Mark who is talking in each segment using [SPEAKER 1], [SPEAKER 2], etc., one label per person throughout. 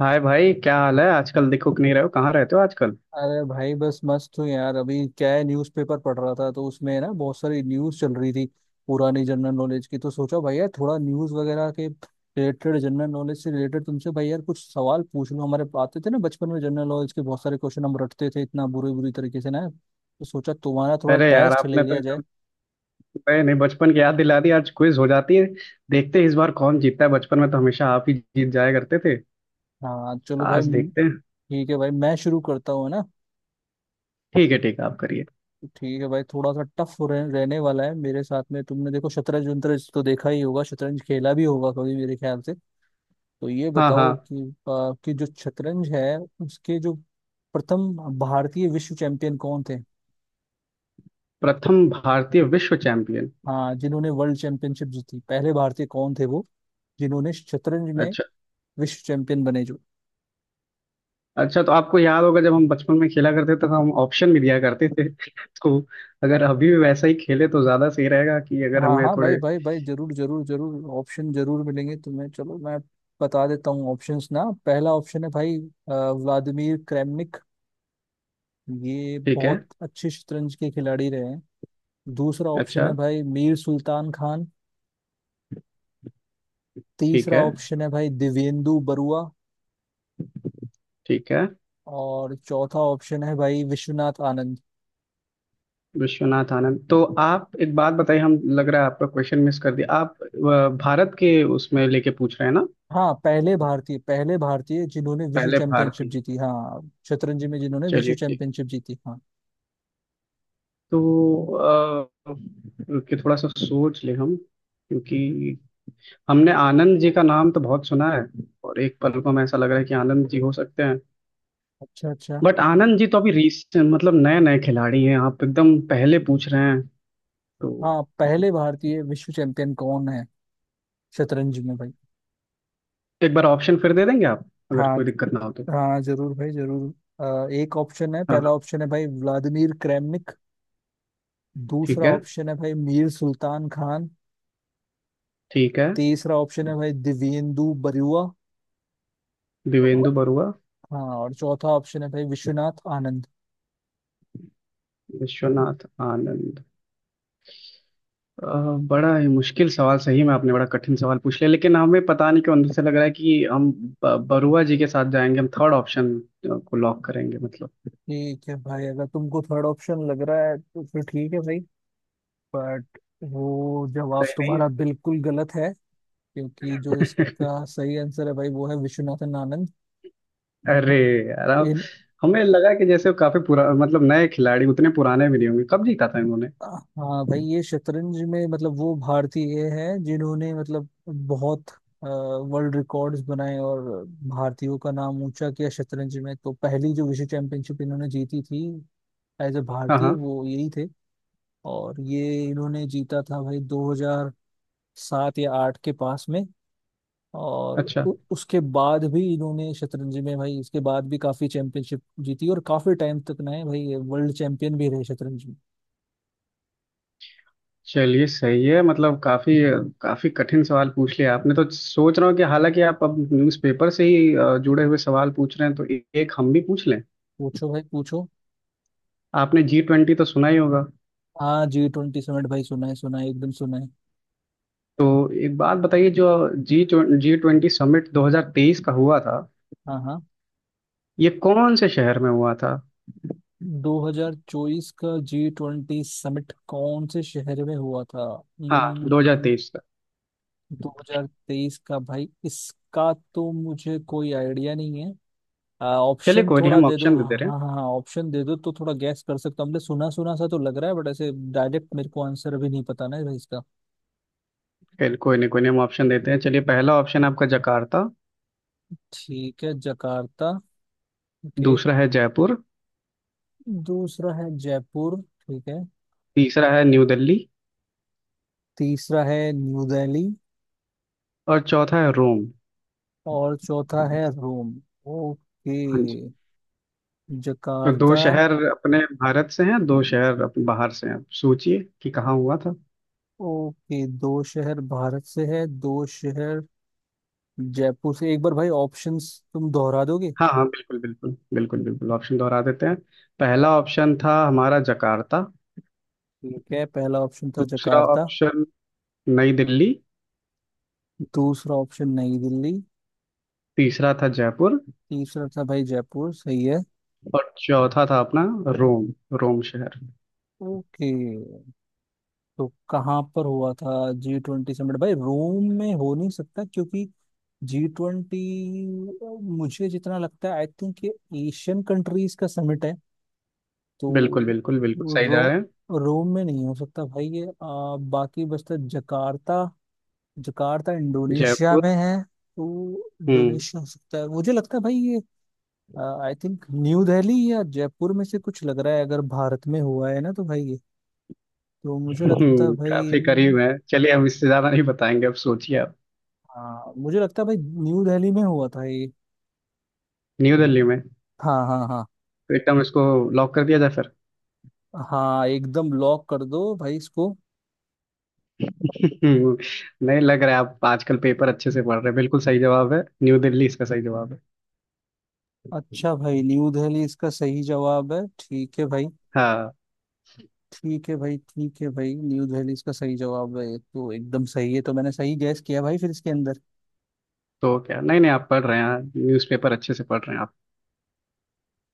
[SPEAKER 1] हाय भाई, क्या हाल है? आजकल दिखुक नहीं रहे हो, कहाँ रहते हो आजकल?
[SPEAKER 2] अरे भाई बस मस्त हूँ यार। अभी क्या है, न्यूज़पेपर पढ़ रहा था तो उसमें ना बहुत सारी न्यूज़ चल रही थी पुरानी जनरल नॉलेज की। तो सोचा भाई यार थोड़ा न्यूज़ वगैरह के रिलेटेड, जनरल नॉलेज से रिलेटेड तुमसे भाई यार कुछ सवाल पूछ लूँ। हमारे आते थे ना बचपन में जनरल नॉलेज के बहुत सारे क्वेश्चन, हम रटते थे इतना बुरी बुरी तरीके से ना, तो सोचा तुम्हारा थोड़ा
[SPEAKER 1] अरे यार,
[SPEAKER 2] टेस्ट ले
[SPEAKER 1] आपने तो
[SPEAKER 2] लिया जाए।
[SPEAKER 1] एकदम, नहीं नहीं, बचपन की याद दिला दी। आज क्विज हो जाती है। देखते हैं इस बार कौन जीतता है। बचपन में तो हमेशा आप ही जीत जाया करते थे।
[SPEAKER 2] हाँ चलो भाई।
[SPEAKER 1] आज देखते
[SPEAKER 2] ठीक
[SPEAKER 1] हैं।
[SPEAKER 2] है भाई मैं शुरू करता हूँ, है ना।
[SPEAKER 1] ठीक है ठीक है, आप करिए।
[SPEAKER 2] ठीक है भाई थोड़ा सा टफ रहने वाला है मेरे साथ में। तुमने देखो शतरंज वतरंज तो देखा ही होगा, शतरंज खेला भी होगा कभी मेरे ख्याल से। तो ये
[SPEAKER 1] हाँ
[SPEAKER 2] बताओ
[SPEAKER 1] हाँ।
[SPEAKER 2] कि जो शतरंज है उसके जो प्रथम भारतीय विश्व चैंपियन कौन थे।
[SPEAKER 1] प्रथम भारतीय विश्व चैंपियन।
[SPEAKER 2] हाँ जिन्होंने वर्ल्ड चैंपियनशिप जीती पहले भारतीय कौन थे वो, जिन्होंने शतरंज में
[SPEAKER 1] अच्छा।
[SPEAKER 2] विश्व चैंपियन बने जो।
[SPEAKER 1] अच्छा, तो आपको याद होगा जब हम बचपन में खेला करते थे तो हम ऑप्शन भी दिया करते थे तो अगर अभी भी वैसा ही खेले तो ज्यादा सही रहेगा, कि अगर
[SPEAKER 2] हाँ
[SPEAKER 1] हमें
[SPEAKER 2] हाँ भाई
[SPEAKER 1] थोड़े।
[SPEAKER 2] भाई भाई जरूर जरूर जरूर, ऑप्शन जरूर मिलेंगे तुम्हें। चलो मैं बता देता हूँ ऑप्शंस ना। पहला ऑप्शन है भाई व्लादिमीर क्रेमनिक, ये
[SPEAKER 1] ठीक है।
[SPEAKER 2] बहुत अच्छे शतरंज के खिलाड़ी रहे हैं। दूसरा ऑप्शन
[SPEAKER 1] अच्छा।
[SPEAKER 2] है भाई मीर सुल्तान खान।
[SPEAKER 1] ठीक
[SPEAKER 2] तीसरा
[SPEAKER 1] है
[SPEAKER 2] ऑप्शन है भाई दिवेंदु बरुआ।
[SPEAKER 1] ठीक है।
[SPEAKER 2] और चौथा ऑप्शन है भाई विश्वनाथ आनंद।
[SPEAKER 1] विश्वनाथ आनंद। तो आप एक बात बताइए, हम लग रहा है आपका क्वेश्चन मिस कर दिया। आप भारत के उसमें लेके पूछ रहे हैं ना?
[SPEAKER 2] हाँ पहले भारतीय जिन्होंने विश्व
[SPEAKER 1] पहले
[SPEAKER 2] चैंपियनशिप
[SPEAKER 1] भारतीय।
[SPEAKER 2] जीती, हाँ शतरंज में जिन्होंने विश्व
[SPEAKER 1] चलिए ठीक है।
[SPEAKER 2] चैंपियनशिप जीती। हाँ।
[SPEAKER 1] तो कि थोड़ा सा सोच ले हम, क्योंकि हमने आनंद जी का नाम तो बहुत सुना है और एक पल को हमें ऐसा लग रहा है कि आनंद जी हो सकते हैं।
[SPEAKER 2] अच्छा अच्छा।
[SPEAKER 1] बट आनंद जी तो अभी रिसेंट मतलब नए नए खिलाड़ी हैं, आप एकदम पहले पूछ रहे हैं। तो
[SPEAKER 2] हाँ पहले भारतीय विश्व चैंपियन कौन है शतरंज में भाई।
[SPEAKER 1] एक बार ऑप्शन फिर दे देंगे आप, अगर
[SPEAKER 2] हाँ
[SPEAKER 1] कोई दिक्कत ना हो तो।
[SPEAKER 2] हाँ जरूर भाई जरूर। एक ऑप्शन है,
[SPEAKER 1] हाँ हाँ,
[SPEAKER 2] पहला ऑप्शन है भाई व्लादिमीर क्रेमनिक।
[SPEAKER 1] ठीक
[SPEAKER 2] दूसरा
[SPEAKER 1] है
[SPEAKER 2] ऑप्शन है भाई मीर सुल्तान खान।
[SPEAKER 1] ठीक है।
[SPEAKER 2] तीसरा ऑप्शन है भाई दिव्येंदु बरुआ। औ-
[SPEAKER 1] दिवेंदु बरुआ।
[SPEAKER 2] हाँ और चौथा ऑप्शन है भाई विश्वनाथ आनंद।
[SPEAKER 1] विश्वनाथ आनंद। बड़ा ही मुश्किल सवाल, सही में आपने बड़ा कठिन सवाल पूछ लिया। लेकिन हमें पता नहीं क्यों अंदर से लग रहा है कि हम बरुआ जी के साथ जाएंगे। हम थर्ड ऑप्शन को लॉक करेंगे मतलब।
[SPEAKER 2] ठीक है भाई अगर तुमको थर्ड ऑप्शन लग रहा है तो फिर ठीक है भाई, बट वो जवाब
[SPEAKER 1] सही नहीं
[SPEAKER 2] तुम्हारा बिल्कुल गलत है क्योंकि जो
[SPEAKER 1] है
[SPEAKER 2] इसका सही आंसर है भाई वो है विश्वनाथन आनंद।
[SPEAKER 1] अरे यार, अब
[SPEAKER 2] इन
[SPEAKER 1] हमें लगा कि जैसे वो काफी पुरा मतलब नए खिलाड़ी उतने पुराने भी नहीं होंगे। कब जीता था इन्होंने?
[SPEAKER 2] हाँ भाई ये शतरंज में मतलब वो भारतीय हैं जिन्होंने मतलब बहुत वर्ल्ड रिकॉर्ड्स बनाए और भारतीयों का नाम ऊंचा किया शतरंज में। तो पहली जो विश्व चैंपियनशिप इन्होंने जीती थी एज ए
[SPEAKER 1] हाँ
[SPEAKER 2] भारतीय
[SPEAKER 1] हाँ।
[SPEAKER 2] वो यही थे। और ये इन्होंने जीता था भाई 2000 सात या आठ के पास में। और
[SPEAKER 1] अच्छा।
[SPEAKER 2] उसके बाद भी इन्होंने शतरंज में भाई उसके बाद भी काफी चैंपियनशिप जीती और काफी टाइम तक ना है भाई ये वर्ल्ड चैंपियन भी रहे शतरंज में।
[SPEAKER 1] चलिए सही है, मतलब काफी काफी कठिन सवाल पूछ लिया आपने। तो सोच रहा हूँ कि हालांकि आप अब न्यूज़पेपर से ही जुड़े हुए सवाल पूछ रहे हैं, तो एक हम भी पूछ लें।
[SPEAKER 2] पूछो भाई पूछो।
[SPEAKER 1] आपने जी ट्वेंटी तो सुना ही होगा।
[SPEAKER 2] हाँ जी ट्वेंटी समिट भाई सुना है, सुना है, एकदम सुना है।
[SPEAKER 1] तो एक बात बताइए, जो जी जी ट्वेंटी समिट 2023 का हुआ था,
[SPEAKER 2] हाँ हाँ।
[SPEAKER 1] ये कौन से शहर में हुआ था?
[SPEAKER 2] 2024 का जी ट्वेंटी समिट कौन से शहर में हुआ था?
[SPEAKER 1] हाँ
[SPEAKER 2] हम्म,
[SPEAKER 1] 2023 का।
[SPEAKER 2] 2023 का भाई इसका तो मुझे कोई आइडिया नहीं है।
[SPEAKER 1] चलिए
[SPEAKER 2] ऑप्शन
[SPEAKER 1] कोई नहीं,
[SPEAKER 2] थोड़ा
[SPEAKER 1] हम
[SPEAKER 2] दे दो।
[SPEAKER 1] ऑप्शन दे
[SPEAKER 2] हाँ
[SPEAKER 1] दे रहे हैं।
[SPEAKER 2] हाँ हाँ ऑप्शन दे दो तो थोड़ा गैस कर सकता हूँ। हमने सुना सुना सा तो लग रहा है, बट ऐसे डायरेक्ट मेरे को आंसर अभी नहीं पता ना भाई इसका।
[SPEAKER 1] चलिए, कोई नहीं कोई नहीं, हम ऑप्शन देते हैं। चलिए, पहला ऑप्शन आपका जकार्ता।
[SPEAKER 2] ठीक है जकार्ता। ओके।
[SPEAKER 1] दूसरा है जयपुर।
[SPEAKER 2] दूसरा है जयपुर, ठीक है।
[SPEAKER 1] तीसरा है न्यू दिल्ली।
[SPEAKER 2] तीसरा है न्यू दिल्ली।
[SPEAKER 1] और चौथा है रोम।
[SPEAKER 2] और चौथा है रोम। ओके
[SPEAKER 1] तो दो
[SPEAKER 2] जकार्ता।
[SPEAKER 1] शहर अपने भारत से हैं, दो शहर अपने बाहर से हैं। अब सोचिए कि कहाँ हुआ था।
[SPEAKER 2] ओके दो शहर भारत से है, दो शहर जयपुर से। एक बार भाई ऑप्शंस तुम दोहरा दोगे?
[SPEAKER 1] हाँ हाँ, बिल्कुल बिल्कुल बिल्कुल बिल्कुल, ऑप्शन दोहरा देते हैं। पहला ऑप्शन था हमारा जकार्ता।
[SPEAKER 2] ठीक है पहला ऑप्शन था
[SPEAKER 1] दूसरा
[SPEAKER 2] जकार्ता।
[SPEAKER 1] ऑप्शन नई दिल्ली।
[SPEAKER 2] दूसरा ऑप्शन नई दिल्ली।
[SPEAKER 1] तीसरा था जयपुर।
[SPEAKER 2] तीसरा था भाई जयपुर सही है।
[SPEAKER 1] और चौथा था अपना रोम। रोम शहर।
[SPEAKER 2] ओके। तो कहाँ पर हुआ था जी ट्वेंटी समिट भाई? रोम में हो नहीं सकता क्योंकि जी ट्वेंटी मुझे जितना लगता है आई थिंक ये एशियन कंट्रीज का समिट है। तो
[SPEAKER 1] बिल्कुल बिल्कुल बिल्कुल सही जा
[SPEAKER 2] रो
[SPEAKER 1] रहे हैं।
[SPEAKER 2] रोम में नहीं हो सकता भाई ये। बाकी बचता जकार्ता। जकार्ता इंडोनेशिया में
[SPEAKER 1] जयपुर।
[SPEAKER 2] है तो
[SPEAKER 1] हम्म।
[SPEAKER 2] इंडोनेशिया हो सकता है मुझे लगता है भाई ये। आई थिंक न्यू दिल्ली या जयपुर में से कुछ लग रहा है अगर भारत में हुआ है ना तो भाई ये। तो मुझे लगता है भाई
[SPEAKER 1] काफी करीब है। चलिए हम इससे ज्यादा नहीं बताएंगे, अब सोचिए आप।
[SPEAKER 2] हाँ मुझे लगता है भाई न्यू दिल्ली में हुआ था ये।
[SPEAKER 1] न्यू दिल्ली में।
[SPEAKER 2] हाँ हाँ हाँ
[SPEAKER 1] तो एकदम इसको लॉक कर दिया जाए फिर।
[SPEAKER 2] हाँ। एकदम लॉक कर दो भाई इसको।
[SPEAKER 1] हम्म, नहीं लग रहा है आप आजकल पेपर अच्छे से पढ़ रहे हैं। बिल्कुल सही जवाब है न्यू दिल्ली, इसका सही जवाब है।
[SPEAKER 2] अच्छा भाई न्यू दिल्ली इसका सही जवाब है, ठीक है भाई।
[SPEAKER 1] हाँ।
[SPEAKER 2] ठीक है भाई ठीक है भाई न्यू दिल्ली इसका सही जवाब है, ये तो एकदम सही है। तो मैंने सही गैस किया भाई फिर इसके अंदर।
[SPEAKER 1] तो क्या, नहीं नहीं, आप पढ़ रहे हैं, न्यूज़पेपर अच्छे से पढ़ रहे हैं आप।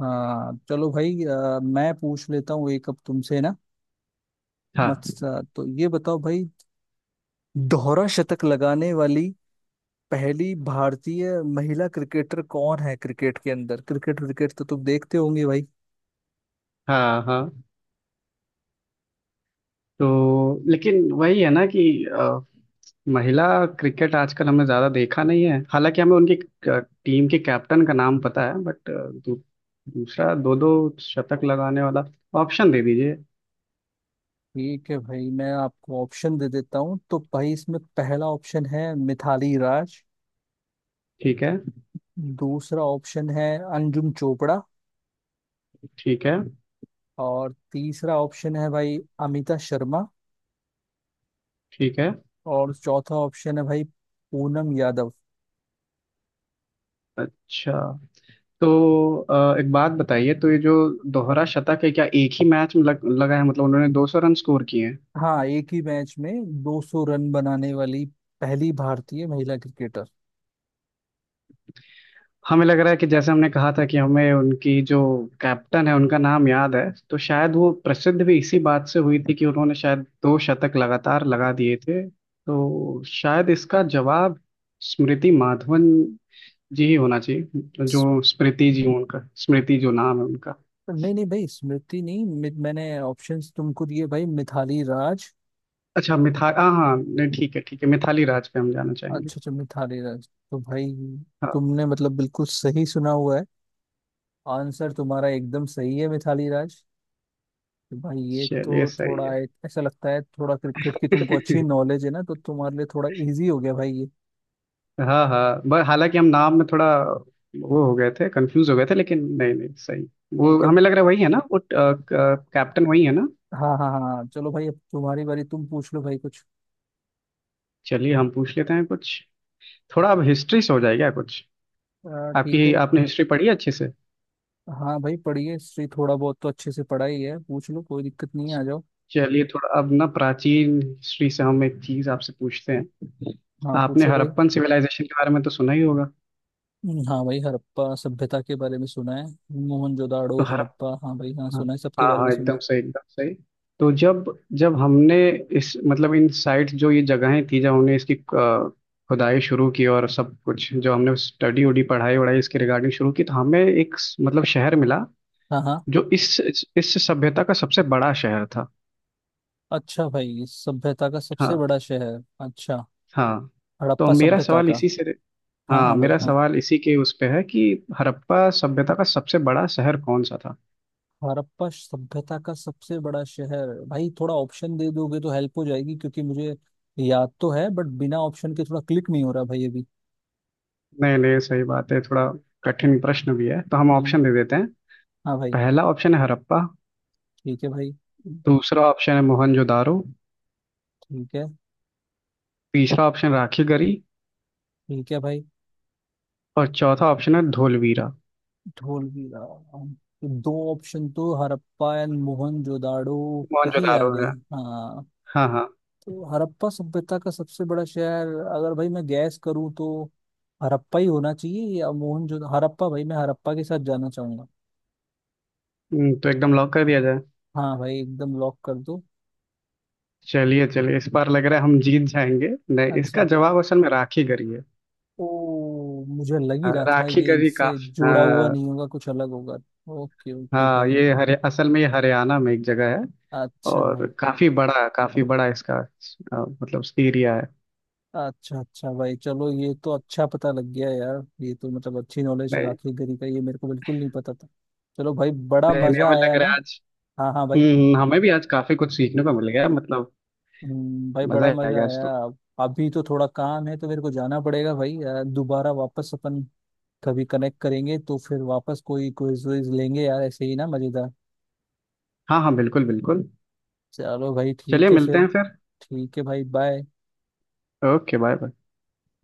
[SPEAKER 2] हाँ चलो भाई, मैं पूछ लेता हूँ एक अब तुमसे ना। मत
[SPEAKER 1] हाँ
[SPEAKER 2] तो ये बताओ भाई दोहरा शतक लगाने वाली पहली भारतीय महिला क्रिकेटर कौन है क्रिकेट के अंदर। क्रिकेट क्रिकेट तो तुम देखते होंगे भाई।
[SPEAKER 1] हाँ। हाँ तो लेकिन वही है ना कि महिला क्रिकेट आजकल हमने ज़्यादा देखा नहीं है। हालांकि हमें उनकी अ, टीम के कैप्टन का नाम पता है। बट दूसरा दो दो शतक लगाने वाला ऑप्शन दे दीजिए।
[SPEAKER 2] ठीक है भाई मैं आपको ऑप्शन दे देता हूँ। तो भाई इसमें पहला ऑप्शन है मिथाली राज।
[SPEAKER 1] ठीक है
[SPEAKER 2] दूसरा ऑप्शन है अंजुम चोपड़ा।
[SPEAKER 1] ठीक है
[SPEAKER 2] और तीसरा ऑप्शन है भाई अमिता शर्मा।
[SPEAKER 1] ठीक है।
[SPEAKER 2] और चौथा ऑप्शन है भाई पूनम यादव।
[SPEAKER 1] अच्छा। तो एक बात बताइए, तो ये जो दोहरा शतक है, क्या एक ही मैच में लगा है, मतलब उन्होंने 200 रन स्कोर किए हैं?
[SPEAKER 2] हाँ एक ही मैच में 200 रन बनाने वाली पहली भारतीय महिला क्रिकेटर।
[SPEAKER 1] हमें लग रहा है कि जैसे हमने कहा था कि हमें उनकी जो कैप्टन है उनका नाम याद है, तो शायद वो प्रसिद्ध भी इसी बात से हुई थी कि उन्होंने शायद दो शतक लगातार लगा दिए थे। तो शायद इसका जवाब स्मृति माधवन जी ही होना चाहिए। जो स्मृति जी, उनका स्मृति जो नाम है उनका।
[SPEAKER 2] नहीं नहीं भाई स्मृति नहीं, मैंने ऑप्शंस तुमको दिए भाई, मिथाली राज।
[SPEAKER 1] अच्छा मिथा हाँ हाँ, नहीं ठीक है ठीक है, मिथाली राज पे हम जाना चाहेंगे।
[SPEAKER 2] अच्छा अच्छा मिथाली राज तो भाई
[SPEAKER 1] हाँ।
[SPEAKER 2] तुमने मतलब बिल्कुल सही सुना हुआ है। आंसर तुम्हारा एकदम सही है मिथाली राज। तो भाई ये
[SPEAKER 1] चलिए
[SPEAKER 2] तो
[SPEAKER 1] सही
[SPEAKER 2] थोड़ा
[SPEAKER 1] है।
[SPEAKER 2] ऐसा लगता है थोड़ा क्रिकेट की तुमको अच्छी नॉलेज है ना, तो तुम्हारे लिए थोड़ा इजी हो गया भाई ये।
[SPEAKER 1] हाँ हाँ, हालांकि हम नाम में थोड़ा वो हो गए थे, कंफ्यूज हो गए थे। लेकिन नहीं नहीं सही। वो
[SPEAKER 2] ठीक है।
[SPEAKER 1] हमें लग रहा है वही है ना, वो कैप्टन वही है ना?
[SPEAKER 2] हाँ हाँ हाँ हाँ। चलो भाई अब तुम्हारी बारी, तुम पूछ लो भाई कुछ।
[SPEAKER 1] चलिए हम पूछ लेते हैं कुछ। थोड़ा अब हिस्ट्री से हो जाएगा कुछ।
[SPEAKER 2] ठीक है।
[SPEAKER 1] आपकी आपने हिस्ट्री पढ़ी है अच्छे से।
[SPEAKER 2] हाँ भाई पढ़िए हिस्ट्री थोड़ा बहुत तो अच्छे से पढ़ा ही है, पूछ लो कोई दिक्कत नहीं है, आ जाओ।
[SPEAKER 1] चलिए थोड़ा अब ना प्राचीन हिस्ट्री से हम एक चीज आपसे पूछते हैं।
[SPEAKER 2] हाँ
[SPEAKER 1] आपने
[SPEAKER 2] पूछो भाई।
[SPEAKER 1] हड़प्पन सिविलाइजेशन के बारे में तो सुना ही होगा।
[SPEAKER 2] हाँ भाई हड़प्पा सभ्यता के बारे में सुना है। मोहनजोदाड़ो
[SPEAKER 1] तो हाँ
[SPEAKER 2] हड़प्पा हाँ भाई हाँ सुना है, सबके
[SPEAKER 1] हाँ
[SPEAKER 2] बारे में
[SPEAKER 1] हाँ,
[SPEAKER 2] सुना है।
[SPEAKER 1] एकदम सही एकदम सही। तो जब जब हमने इस मतलब इन साइट्स, जो ये जगहें थी, जब हमने इसकी खुदाई शुरू की और सब कुछ जो हमने स्टडी उडी पढ़ाई वढ़ाई इसके रिगार्डिंग शुरू की, तो हमें एक मतलब शहर मिला,
[SPEAKER 2] हाँ हाँ।
[SPEAKER 1] जो इस सभ्यता का सबसे बड़ा शहर था।
[SPEAKER 2] अच्छा भाई सभ्यता का सबसे
[SPEAKER 1] हाँ
[SPEAKER 2] बड़ा शहर, अच्छा।
[SPEAKER 1] हाँ। तो
[SPEAKER 2] हड़प्पा
[SPEAKER 1] मेरा
[SPEAKER 2] सभ्यता
[SPEAKER 1] सवाल
[SPEAKER 2] का।
[SPEAKER 1] इसी से।
[SPEAKER 2] हाँ
[SPEAKER 1] हाँ
[SPEAKER 2] हाँ भाई
[SPEAKER 1] मेरा
[SPEAKER 2] हाँ।
[SPEAKER 1] सवाल इसी के उस पे है कि हड़प्पा सभ्यता का सबसे बड़ा शहर कौन सा था?
[SPEAKER 2] हड़प्पा सभ्यता का सबसे बड़ा शहर भाई थोड़ा ऑप्शन दे दोगे तो हेल्प हो जाएगी, क्योंकि मुझे याद तो है बट बिना ऑप्शन के थोड़ा क्लिक नहीं हो रहा भाई अभी।
[SPEAKER 1] नहीं नहीं सही बात है, थोड़ा कठिन प्रश्न भी है तो हम
[SPEAKER 2] हम्म।
[SPEAKER 1] ऑप्शन दे देते हैं।
[SPEAKER 2] हाँ भाई।
[SPEAKER 1] पहला ऑप्शन है हड़प्पा।
[SPEAKER 2] ठीक है भाई।
[SPEAKER 1] दूसरा ऑप्शन है मोहनजोदारो।
[SPEAKER 2] ठीक है।
[SPEAKER 1] तीसरा ऑप्शन राखीगढ़ी।
[SPEAKER 2] ठीक है भाई।
[SPEAKER 1] और चौथा ऑप्शन है धोलवीरा।
[SPEAKER 2] धोलवीरा। तो दो ऑप्शन तो हड़प्पा एंड मोहनजोदाड़ो के ही आ
[SPEAKER 1] मोहनजोदारो
[SPEAKER 2] गए।
[SPEAKER 1] है।
[SPEAKER 2] हाँ।
[SPEAKER 1] हाँ हाँ।
[SPEAKER 2] तो हड़प्पा सभ्यता का सबसे बड़ा शहर अगर भाई मैं गैस करूँ तो हड़प्पा ही होना चाहिए या मोहनजोदड़ो, हड़प्पा भाई मैं हड़प्पा के साथ जाना चाहूंगा।
[SPEAKER 1] तो एकदम लॉक कर दिया जाए।
[SPEAKER 2] हाँ भाई एकदम लॉक कर दो।
[SPEAKER 1] चलिए चलिए, इस बार लग रहा है हम जीत जाएंगे। नहीं,
[SPEAKER 2] अच्छा।
[SPEAKER 1] इसका जवाब असल में राखीगढ़ी है।
[SPEAKER 2] ओ मुझे लग ही
[SPEAKER 1] हाँ,
[SPEAKER 2] रहा था ये
[SPEAKER 1] राखीगढ़ी का।
[SPEAKER 2] इनसे जुड़ा हुआ
[SPEAKER 1] हाँ
[SPEAKER 2] नहीं होगा, कुछ अलग होगा। ओके ओके
[SPEAKER 1] हाँ।
[SPEAKER 2] भाई।
[SPEAKER 1] ये हरे असल में ये हरियाणा में एक जगह है।
[SPEAKER 2] अच्छा
[SPEAKER 1] और
[SPEAKER 2] भाई।
[SPEAKER 1] काफी बड़ा इसका मतलब एरिया है।
[SPEAKER 2] अच्छा अच्छा भाई चलो ये तो अच्छा पता लग गया यार, ये तो मतलब अच्छी नॉलेज
[SPEAKER 1] नहीं
[SPEAKER 2] राखी गरी का ये मेरे को बिल्कुल नहीं पता था। चलो भाई बड़ा
[SPEAKER 1] नहीं नहीं,
[SPEAKER 2] मजा
[SPEAKER 1] हमें
[SPEAKER 2] आया
[SPEAKER 1] लग
[SPEAKER 2] ना।
[SPEAKER 1] रहा है आज।
[SPEAKER 2] हाँ हाँ भाई।
[SPEAKER 1] हमें भी आज काफी कुछ सीखने को मिल गया मतलब।
[SPEAKER 2] भाई बड़ा
[SPEAKER 1] मजा आ
[SPEAKER 2] मजा
[SPEAKER 1] गया आज
[SPEAKER 2] आया।
[SPEAKER 1] तो।
[SPEAKER 2] अभी तो थोड़ा काम है तो मेरे को जाना पड़ेगा भाई यार। दोबारा वापस अपन कभी कनेक्ट करेंगे तो फिर वापस कोई क्विज विज लेंगे यार ऐसे ही ना मजेदार।
[SPEAKER 1] हाँ हाँ बिल्कुल बिल्कुल।
[SPEAKER 2] चलो भाई
[SPEAKER 1] चलिए
[SPEAKER 2] ठीक है
[SPEAKER 1] मिलते
[SPEAKER 2] फिर।
[SPEAKER 1] हैं फिर।
[SPEAKER 2] ठीक है भाई बाय।
[SPEAKER 1] Okay bye bye.